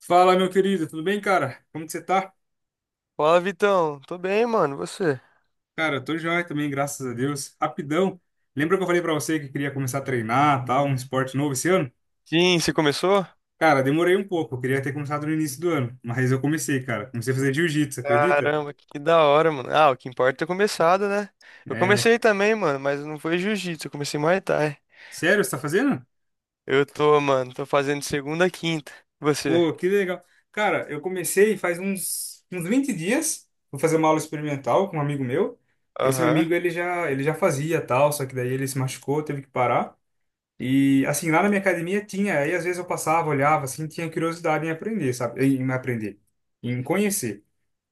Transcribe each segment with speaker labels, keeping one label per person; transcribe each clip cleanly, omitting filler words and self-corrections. Speaker 1: Fala, meu querido, tudo bem, cara? Como que você tá?
Speaker 2: Fala, Vitão. Tô bem, mano. E você?
Speaker 1: Cara, eu tô joia também, graças a Deus. Rapidão. Lembra que eu falei pra você que queria começar a treinar, tal, um esporte novo esse ano?
Speaker 2: Sim, você começou?
Speaker 1: Cara, demorei um pouco, eu queria ter começado no início do ano, mas eu comecei, cara. Comecei a fazer jiu-jitsu, acredita?
Speaker 2: Caramba, que da hora, mano. Ah, o que importa é ter começado, né? Eu
Speaker 1: É,
Speaker 2: comecei também, mano, mas não foi jiu-jitsu, eu comecei Muay Thai.
Speaker 1: sério, você tá fazendo?
Speaker 2: Eu tô, mano, tô fazendo segunda, a quinta. E você?
Speaker 1: Pô, que legal. Cara, eu comecei faz uns 20 dias. Vou fazer uma aula experimental com um amigo meu. Esse meu
Speaker 2: Aham,
Speaker 1: amigo, ele já fazia, tal, só que daí ele se machucou, teve que parar. E, assim, lá na minha academia tinha, aí às vezes eu passava, olhava, assim, tinha curiosidade em aprender, sabe? Em aprender, em conhecer.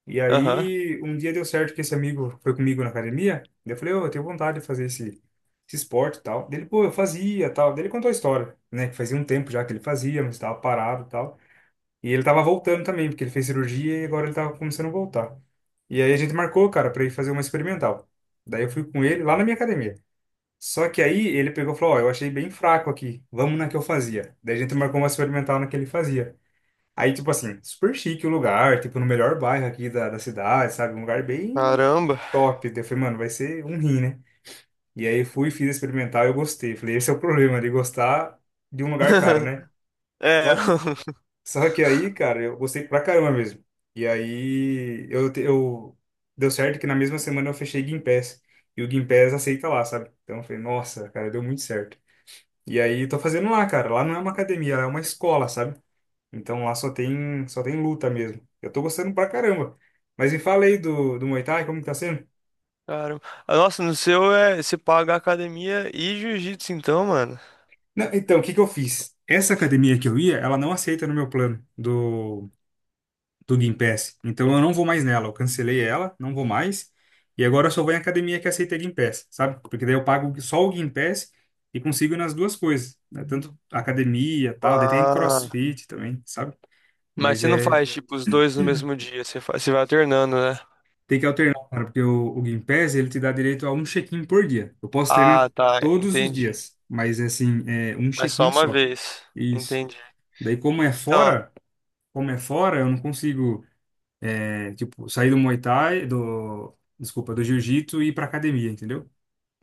Speaker 1: E
Speaker 2: aham.
Speaker 1: aí, um dia deu certo que esse amigo foi comigo na academia, daí eu falei, ô, eu tenho vontade de fazer esse esporte e tal. Dele, pô, eu fazia tal. Daí ele contou a história, né? Que fazia um tempo já que ele fazia, mas estava parado e tal. E ele tava voltando também, porque ele fez cirurgia e agora ele tava começando a voltar. E aí a gente marcou, cara, pra ir fazer uma experimental. Daí eu fui com ele lá na minha academia. Só que aí ele pegou e falou, ó, eu achei bem fraco aqui, vamos na que eu fazia. Daí a gente marcou uma experimental na que ele fazia. Aí, tipo assim, super chique o lugar, tipo, no melhor bairro aqui da cidade, sabe? Um lugar bem
Speaker 2: Caramba.
Speaker 1: top. Daí eu falei, mano, vai ser um rim, né? E aí fui, fiz a experimental e eu gostei. Falei, esse é o problema de gostar de um lugar caro, né?
Speaker 2: É,
Speaker 1: Só, só que aí, cara, eu gostei pra caramba mesmo. E aí, Deu certo que na mesma semana eu fechei Gympass. E o Gympass aceita lá, sabe? Então eu falei, nossa, cara, deu muito certo. E aí tô fazendo lá, cara. Lá não é uma academia, lá é uma escola, sabe? Então lá só tem luta mesmo. Eu tô gostando pra caramba. Mas me fala aí do Muay Thai, como que tá sendo?
Speaker 2: caramba. Ah, nossa, no seu é, você paga academia e jiu-jitsu então, mano.
Speaker 1: Não, então, o que que eu fiz? Essa academia que eu ia, ela não aceita no meu plano do Gympass. Então eu não vou mais nela. Eu cancelei ela, não vou mais. E agora eu só vou em academia que aceita Gympass, sabe? Porque daí eu pago só o Gympass e consigo ir nas duas coisas, né? Tanto academia, tal, daí tem
Speaker 2: Ah.
Speaker 1: CrossFit também, sabe?
Speaker 2: Mas
Speaker 1: Mas
Speaker 2: você não
Speaker 1: é,
Speaker 2: faz, tipo, os dois no mesmo dia, você faz, você vai alternando, né?
Speaker 1: tem que alternar, cara, porque o Gympass, ele te dá direito a um check-in por dia. Eu posso treinar
Speaker 2: Ah, tá,
Speaker 1: todos os
Speaker 2: entendi.
Speaker 1: dias, mas assim, é um
Speaker 2: Mas só
Speaker 1: check-in
Speaker 2: uma
Speaker 1: só.
Speaker 2: vez.
Speaker 1: Isso.
Speaker 2: Entendi.
Speaker 1: Daí, como é
Speaker 2: Então,
Speaker 1: fora, como é fora, eu não consigo, é, tipo, sair do Muay Thai, do, desculpa, do jiu-jitsu e ir pra academia, entendeu?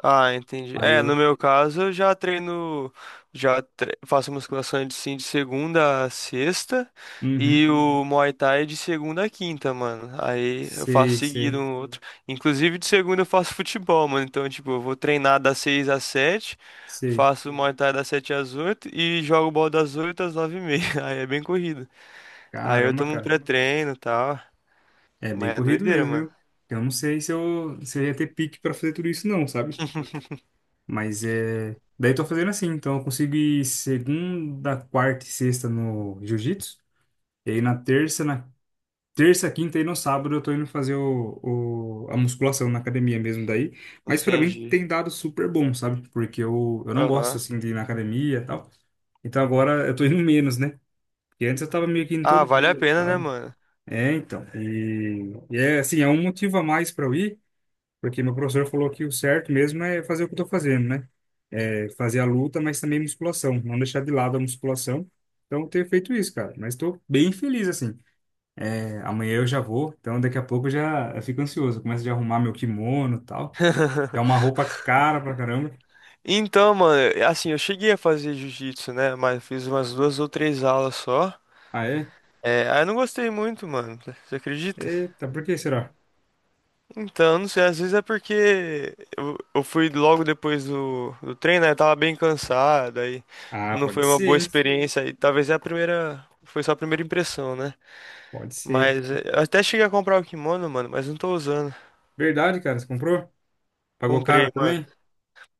Speaker 2: ah, entendi.
Speaker 1: Aí
Speaker 2: É, no
Speaker 1: eu,
Speaker 2: meu caso, eu já treino, faço musculação de sim de segunda a sexta
Speaker 1: uhum,
Speaker 2: e o Muay Thai de segunda a quinta, mano. Aí eu faço
Speaker 1: sei,
Speaker 2: seguido
Speaker 1: sei,
Speaker 2: um outro. Inclusive de segunda eu faço futebol, mano. Então, tipo, eu vou treinar das seis às sete,
Speaker 1: sei.
Speaker 2: faço Muay Thai das sete às oito e jogo bola das oito às nove e meia. Aí é bem corrido. Aí eu
Speaker 1: Caramba,
Speaker 2: tomo um
Speaker 1: cara.
Speaker 2: pré-treino e tal.
Speaker 1: É bem
Speaker 2: Mas é
Speaker 1: corrido
Speaker 2: doideira,
Speaker 1: mesmo,
Speaker 2: mano.
Speaker 1: viu? Eu não sei se eu ia ter pique pra fazer tudo isso, não, sabe? Mas é. Daí eu tô fazendo assim, então eu consigo ir segunda, quarta e sexta no jiu-jitsu. E aí na terça, quinta e no sábado eu tô indo fazer a musculação na academia mesmo daí. Mas pra mim
Speaker 2: Entendi.
Speaker 1: tem dado super bom, sabe? Porque eu não gosto
Speaker 2: Aham.
Speaker 1: assim de ir na academia e tal. Então agora eu tô indo menos, né? Porque antes eu tava meio que indo
Speaker 2: Ah,
Speaker 1: todo
Speaker 2: vale a
Speaker 1: dia e
Speaker 2: pena, né,
Speaker 1: tal.
Speaker 2: mano?
Speaker 1: É, então. E é assim, é um motivo a mais pra eu ir. Porque meu professor falou que o certo mesmo é fazer o que eu tô fazendo, né? É fazer a luta, mas também musculação, não deixar de lado a musculação. Então, eu tenho feito isso, cara. Mas estou bem feliz, assim. É, amanhã eu já vou, então daqui a pouco eu fico ansioso. Eu começo a arrumar meu kimono e tal. É uma roupa cara pra caramba.
Speaker 2: Então, mano, é, assim, eu cheguei a fazer jiu-jitsu, né? Mas fiz umas duas ou três aulas só.
Speaker 1: Ah, é?
Speaker 2: É, aí eu não gostei muito, mano. Você acredita?
Speaker 1: Eita, por que será?
Speaker 2: Então, não sei, às vezes é porque eu fui logo depois do treino, né? Eu tava bem cansado, aí
Speaker 1: Ah,
Speaker 2: não foi
Speaker 1: pode
Speaker 2: uma
Speaker 1: ser,
Speaker 2: boa
Speaker 1: hein?
Speaker 2: experiência. E talvez é a primeira. Foi só a primeira impressão, né?
Speaker 1: Pode ser.
Speaker 2: Mas é, eu até cheguei a comprar o kimono, mano, mas não tô usando.
Speaker 1: Verdade, cara, você comprou? Pagou caro
Speaker 2: Comprei.
Speaker 1: também?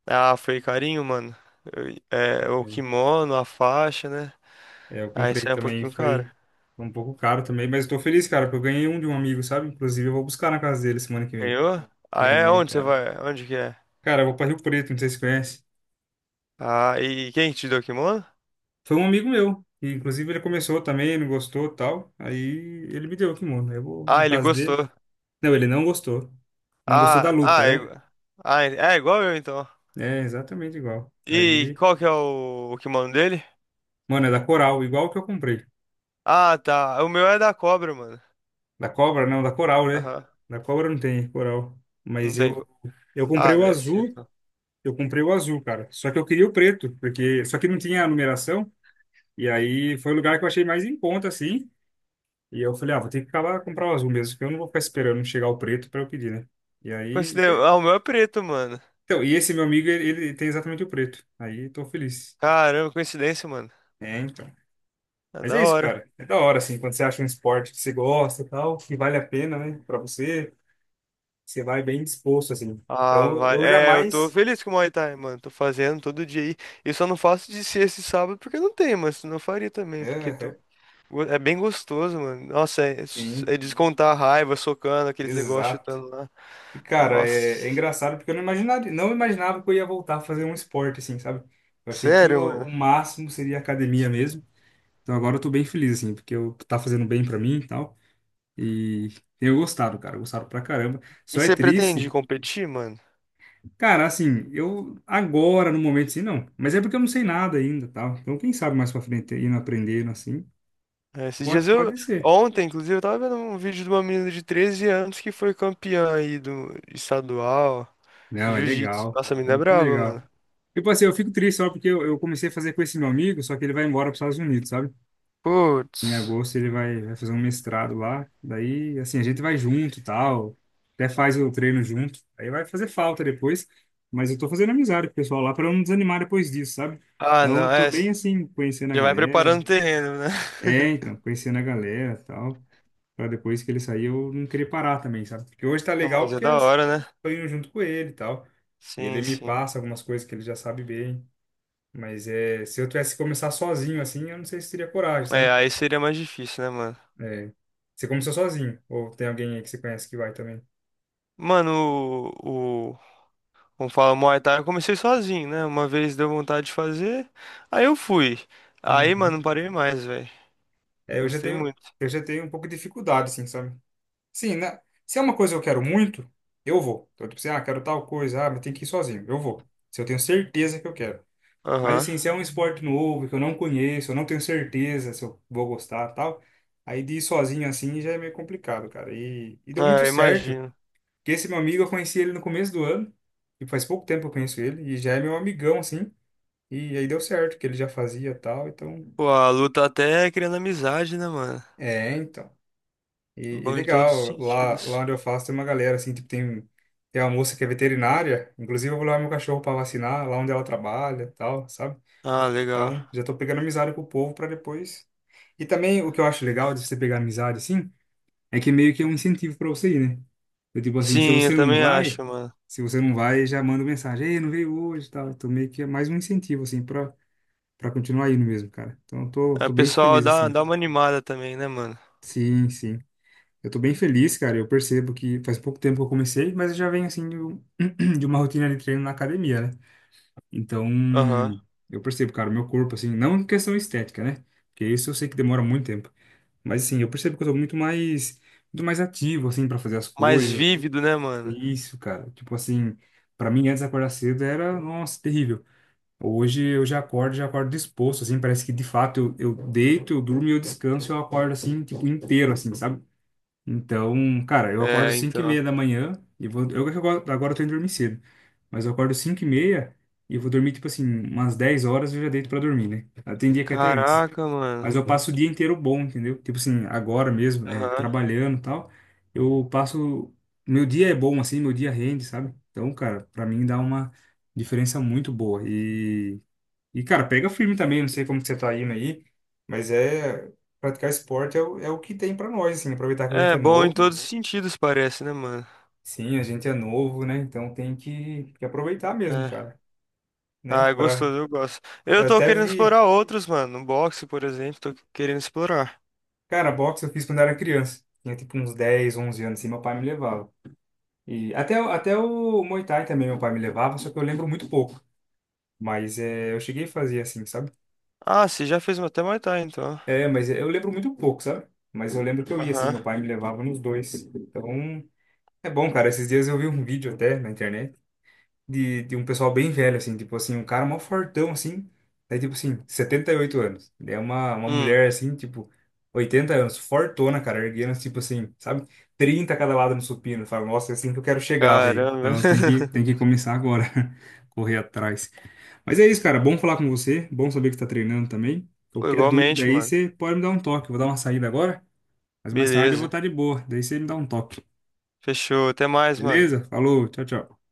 Speaker 2: Ah, foi carinho, mano. Eu- é, o kimono, a faixa, né?
Speaker 1: É, eu
Speaker 2: Aí
Speaker 1: comprei
Speaker 2: sai um
Speaker 1: também,
Speaker 2: pouquinho caro.
Speaker 1: foi um pouco caro também, mas eu tô feliz, cara, porque eu ganhei um de um amigo, sabe? Inclusive, eu vou buscar na casa dele semana que vem.
Speaker 2: Ganhou? Ah, é?
Speaker 1: Ganhei,
Speaker 2: Onde você
Speaker 1: cara.
Speaker 2: vai? Onde que é?
Speaker 1: Cara, eu vou pra Rio Preto, não sei se você conhece.
Speaker 2: Ah, e quem te deu o kimono?
Speaker 1: Foi um amigo meu, e, inclusive ele começou também, não gostou e tal. Aí ele me deu aqui, mano. Eu vou na
Speaker 2: Ah, ele
Speaker 1: casa dele.
Speaker 2: gostou.
Speaker 1: Não, ele não gostou. Não gostou da
Speaker 2: Ah,
Speaker 1: luta,
Speaker 2: ah, é,
Speaker 1: né?
Speaker 2: ah, é igual eu então.
Speaker 1: É exatamente igual.
Speaker 2: E
Speaker 1: Aí,
Speaker 2: qual que é o kimono dele?
Speaker 1: mano, é da Coral, igual o que eu comprei.
Speaker 2: Ah, tá. O meu é da cobra, mano.
Speaker 1: Da Cobra, não, da Coral, né?
Speaker 2: Aham.
Speaker 1: Da Cobra não tem Coral.
Speaker 2: Não
Speaker 1: Mas
Speaker 2: tem.
Speaker 1: eu, eu comprei
Speaker 2: Ah,
Speaker 1: o
Speaker 2: deve ser
Speaker 1: azul.
Speaker 2: então.
Speaker 1: Eu comprei o azul, cara. Só que eu queria o preto, porque só que não tinha a numeração. E aí foi o lugar que eu achei mais em conta, assim. E eu falei, ah, vou ter que acabar comprar o azul mesmo, porque eu não vou ficar esperando chegar o preto para eu pedir, né? E aí.
Speaker 2: Coincidência. Ah, o meu é preto, mano.
Speaker 1: Então, e esse meu amigo, ele tem exatamente o preto. Aí tô feliz.
Speaker 2: Caramba, coincidência, mano.
Speaker 1: É, então.
Speaker 2: É
Speaker 1: Mas
Speaker 2: da
Speaker 1: é isso,
Speaker 2: hora.
Speaker 1: cara. É da hora, assim, quando você acha um esporte que você gosta e tal, que vale a pena, né, pra você, você vai bem disposto, assim.
Speaker 2: Ah,
Speaker 1: Então,
Speaker 2: vai.
Speaker 1: eu
Speaker 2: É, eu tô
Speaker 1: jamais.
Speaker 2: feliz com o Muay Thai, mano. Tô fazendo todo dia aí. Eu só não faço de ser esse sábado porque não tem, mas senão eu faria também, porque tô...
Speaker 1: Aham,
Speaker 2: é bem gostoso, mano. Nossa, é,
Speaker 1: sim,
Speaker 2: é descontar a raiva, socando aqueles negócios,
Speaker 1: exato.
Speaker 2: chutando lá.
Speaker 1: E, cara,
Speaker 2: Nossa.
Speaker 1: é, é engraçado porque eu não imaginaria, não imaginava que eu ia voltar a fazer um esporte, assim, sabe? Eu achei que
Speaker 2: Sério,
Speaker 1: o,
Speaker 2: mano.
Speaker 1: o máximo seria academia mesmo. Então agora eu tô bem feliz, assim, porque eu, tá fazendo bem pra mim e tal. E tenho gostado, cara, gostado pra caramba.
Speaker 2: E
Speaker 1: Só é
Speaker 2: você pretende
Speaker 1: triste,
Speaker 2: competir, mano?
Speaker 1: cara, assim, eu agora, no momento, assim, não. Mas é porque eu não sei nada ainda, tal. Então quem sabe mais pra frente, indo aprendendo, assim,
Speaker 2: É, esses
Speaker 1: pode,
Speaker 2: dias eu.
Speaker 1: pode ser.
Speaker 2: Ontem, inclusive, eu tava vendo um vídeo de uma menina de 13 anos que foi campeã aí do estadual,
Speaker 1: Não, é
Speaker 2: jiu-jitsu.
Speaker 1: legal,
Speaker 2: Nossa, a
Speaker 1: é
Speaker 2: menina é
Speaker 1: muito
Speaker 2: braba,
Speaker 1: legal.
Speaker 2: mano.
Speaker 1: Tipo assim, eu fico triste só porque eu comecei a fazer com esse meu amigo, só que ele vai embora para os Estados Unidos, sabe? Em
Speaker 2: Putz.
Speaker 1: agosto ele vai, vai fazer um mestrado lá. Daí, assim, a gente vai junto e tal. Até faz o treino junto. Aí vai fazer falta depois. Mas eu tô fazendo amizade com o pessoal lá pra eu não desanimar depois disso, sabe?
Speaker 2: Ah,
Speaker 1: Então eu
Speaker 2: não,
Speaker 1: tô
Speaker 2: é.
Speaker 1: bem assim, conhecendo a
Speaker 2: Já vai
Speaker 1: galera.
Speaker 2: preparando o terreno, né?
Speaker 1: É, então, conhecendo a galera e tal. Pra depois que ele sair eu não querer parar também, sabe? Porque hoje tá
Speaker 2: Não,
Speaker 1: legal
Speaker 2: mas é
Speaker 1: porque
Speaker 2: da
Speaker 1: as-
Speaker 2: hora, né?
Speaker 1: tô indo junto com ele e tal.
Speaker 2: Sim,
Speaker 1: Ele me
Speaker 2: sim.
Speaker 1: passa algumas coisas que ele já sabe bem. Mas é, se eu tivesse que começar sozinho assim, eu não sei se teria coragem,
Speaker 2: É,
Speaker 1: sabe?
Speaker 2: aí seria mais difícil, né, mano?
Speaker 1: É. Você começou sozinho? Ou tem alguém aí que você conhece que vai também?
Speaker 2: Mano, o como fala, Muay Thai, eu comecei sozinho, né? Uma vez deu vontade de fazer, aí eu fui. Aí,
Speaker 1: Uhum.
Speaker 2: mano, não parei mais, velho.
Speaker 1: É, eu já
Speaker 2: Gostei
Speaker 1: tenho,
Speaker 2: muito.
Speaker 1: eu já tenho um pouco de dificuldade, assim, sabe? Sim, né? Se é uma coisa que eu quero muito, eu vou. Então, tipo assim, ah, quero tal coisa, ah, mas tem que ir sozinho. Eu vou. Se eu tenho certeza que eu quero. Mas,
Speaker 2: Aham.
Speaker 1: assim, se é um esporte novo, que eu não conheço, eu não tenho certeza se eu vou gostar tal, aí de ir sozinho assim já é meio complicado, cara. E deu muito
Speaker 2: É,
Speaker 1: certo.
Speaker 2: imagino.
Speaker 1: Porque esse meu amigo, eu conheci ele no começo do ano, e faz pouco tempo que eu conheço ele, e já é meu amigão, assim. E aí deu certo, que ele já fazia e tal, então.
Speaker 2: Pô, a luta até é criando amizade, né, mano?
Speaker 1: É, então. E, e
Speaker 2: Bom em todos os
Speaker 1: legal, lá, lá
Speaker 2: sentidos.
Speaker 1: onde eu faço tem uma galera, assim, tipo, tem, tem uma moça que é veterinária, inclusive eu vou levar meu cachorro pra vacinar, lá onde ela trabalha e tal, sabe?
Speaker 2: Ah, legal.
Speaker 1: Então, já tô pegando amizade com o povo pra depois. E também o que eu acho legal de você pegar amizade, assim, é que meio que é um incentivo pra você ir, né? Eu, tipo assim, se
Speaker 2: Sim, eu
Speaker 1: você não
Speaker 2: também
Speaker 1: vai,
Speaker 2: acho, mano.
Speaker 1: se você não vai, já manda mensagem, ei, não veio hoje e tal. Então, meio que é mais um incentivo, assim, pra, pra continuar indo mesmo, cara. Então, eu tô,
Speaker 2: É, o
Speaker 1: tô bem
Speaker 2: pessoal
Speaker 1: feliz,
Speaker 2: dá,
Speaker 1: assim.
Speaker 2: dá uma animada também, né, mano?
Speaker 1: Sim, sim. Eu tô bem feliz, cara. Eu percebo que faz pouco tempo que eu comecei, mas eu já venho assim de uma rotina de treino na academia, né? Então,
Speaker 2: Aham.
Speaker 1: eu percebo, cara, o meu corpo, assim, não em questão estética, né? Porque isso eu sei que demora muito tempo. Mas assim, eu percebo que eu tô muito mais ativo, assim, pra fazer as
Speaker 2: Mais
Speaker 1: coisas.
Speaker 2: vívido, né, mano?
Speaker 1: Isso, cara. Tipo assim, pra mim antes de acordar cedo era, nossa, terrível. Hoje eu já acordo disposto, assim, parece que de fato eu deito, eu durmo e eu descanso, eu acordo assim, tipo, inteiro, assim, sabe? Então, cara, eu acordo
Speaker 2: É,
Speaker 1: 5 e
Speaker 2: então.
Speaker 1: meia da manhã e vou. Eu que agora eu tô indo dormir cedo. Mas eu acordo 5h30 e vou dormir, tipo assim, umas 10 horas eu já deito pra dormir, né? Ah, tem dia que é até antes.
Speaker 2: Caraca, mano.
Speaker 1: Mas eu passo o dia inteiro bom, entendeu? Tipo assim, agora mesmo, é,
Speaker 2: Aham.
Speaker 1: trabalhando e tal. Eu passo. Meu dia é bom, assim, meu dia rende, sabe? Então, cara, pra mim dá uma diferença muito boa. E cara, pega firme também, não sei como que você tá indo aí, mas é. Praticar esporte é o que tem pra nós, assim, aproveitar que a gente
Speaker 2: É
Speaker 1: é
Speaker 2: bom em
Speaker 1: novo.
Speaker 2: todos os sentidos, parece, né, mano?
Speaker 1: Sim, a gente é novo, né? Então tem que aproveitar mesmo,
Speaker 2: É.
Speaker 1: cara, né?
Speaker 2: Ah, é
Speaker 1: Pra...
Speaker 2: gostoso, eu gosto. Eu
Speaker 1: Eu
Speaker 2: tô
Speaker 1: até
Speaker 2: querendo
Speaker 1: vi,
Speaker 2: explorar outros, mano. No boxe, por exemplo, tô querendo explorar.
Speaker 1: cara, boxe eu fiz quando era criança. Tinha tipo uns 10, 11 anos, assim, meu pai me levava. E até, o- até o Muay Thai também meu pai me levava, só que eu lembro muito pouco. Mas é, eu cheguei a fazer assim, sabe?
Speaker 2: Ah, você já fez até Muay Thai, então.
Speaker 1: É, mas eu lembro muito pouco, sabe? Mas eu lembro que eu ia assim,
Speaker 2: Aham.
Speaker 1: meu pai me levava nos dois. Então, é bom, cara. Esses dias eu vi um vídeo até na internet de um pessoal bem velho, assim, tipo assim, um cara mó fortão, assim, daí tipo assim, 78 anos. Daí é uma
Speaker 2: Hum,
Speaker 1: mulher, assim, tipo, 80 anos, fortona, cara, erguendo, tipo assim, sabe? 30 cada lado no supino. Fala, nossa, é assim que eu quero chegar, velho.
Speaker 2: caramba.
Speaker 1: Então tem que começar agora, correr atrás. Mas é isso, cara, bom falar com você, bom saber que você tá treinando também.
Speaker 2: Pô,
Speaker 1: Qualquer dúvida
Speaker 2: igualmente,
Speaker 1: aí,
Speaker 2: mano.
Speaker 1: você pode me dar um toque. Eu vou dar uma saída agora, mas mais tarde eu vou estar
Speaker 2: Beleza.
Speaker 1: de boa. Daí você me dá um toque.
Speaker 2: Fechou. Até mais, mano.
Speaker 1: Beleza? Falou, tchau, tchau.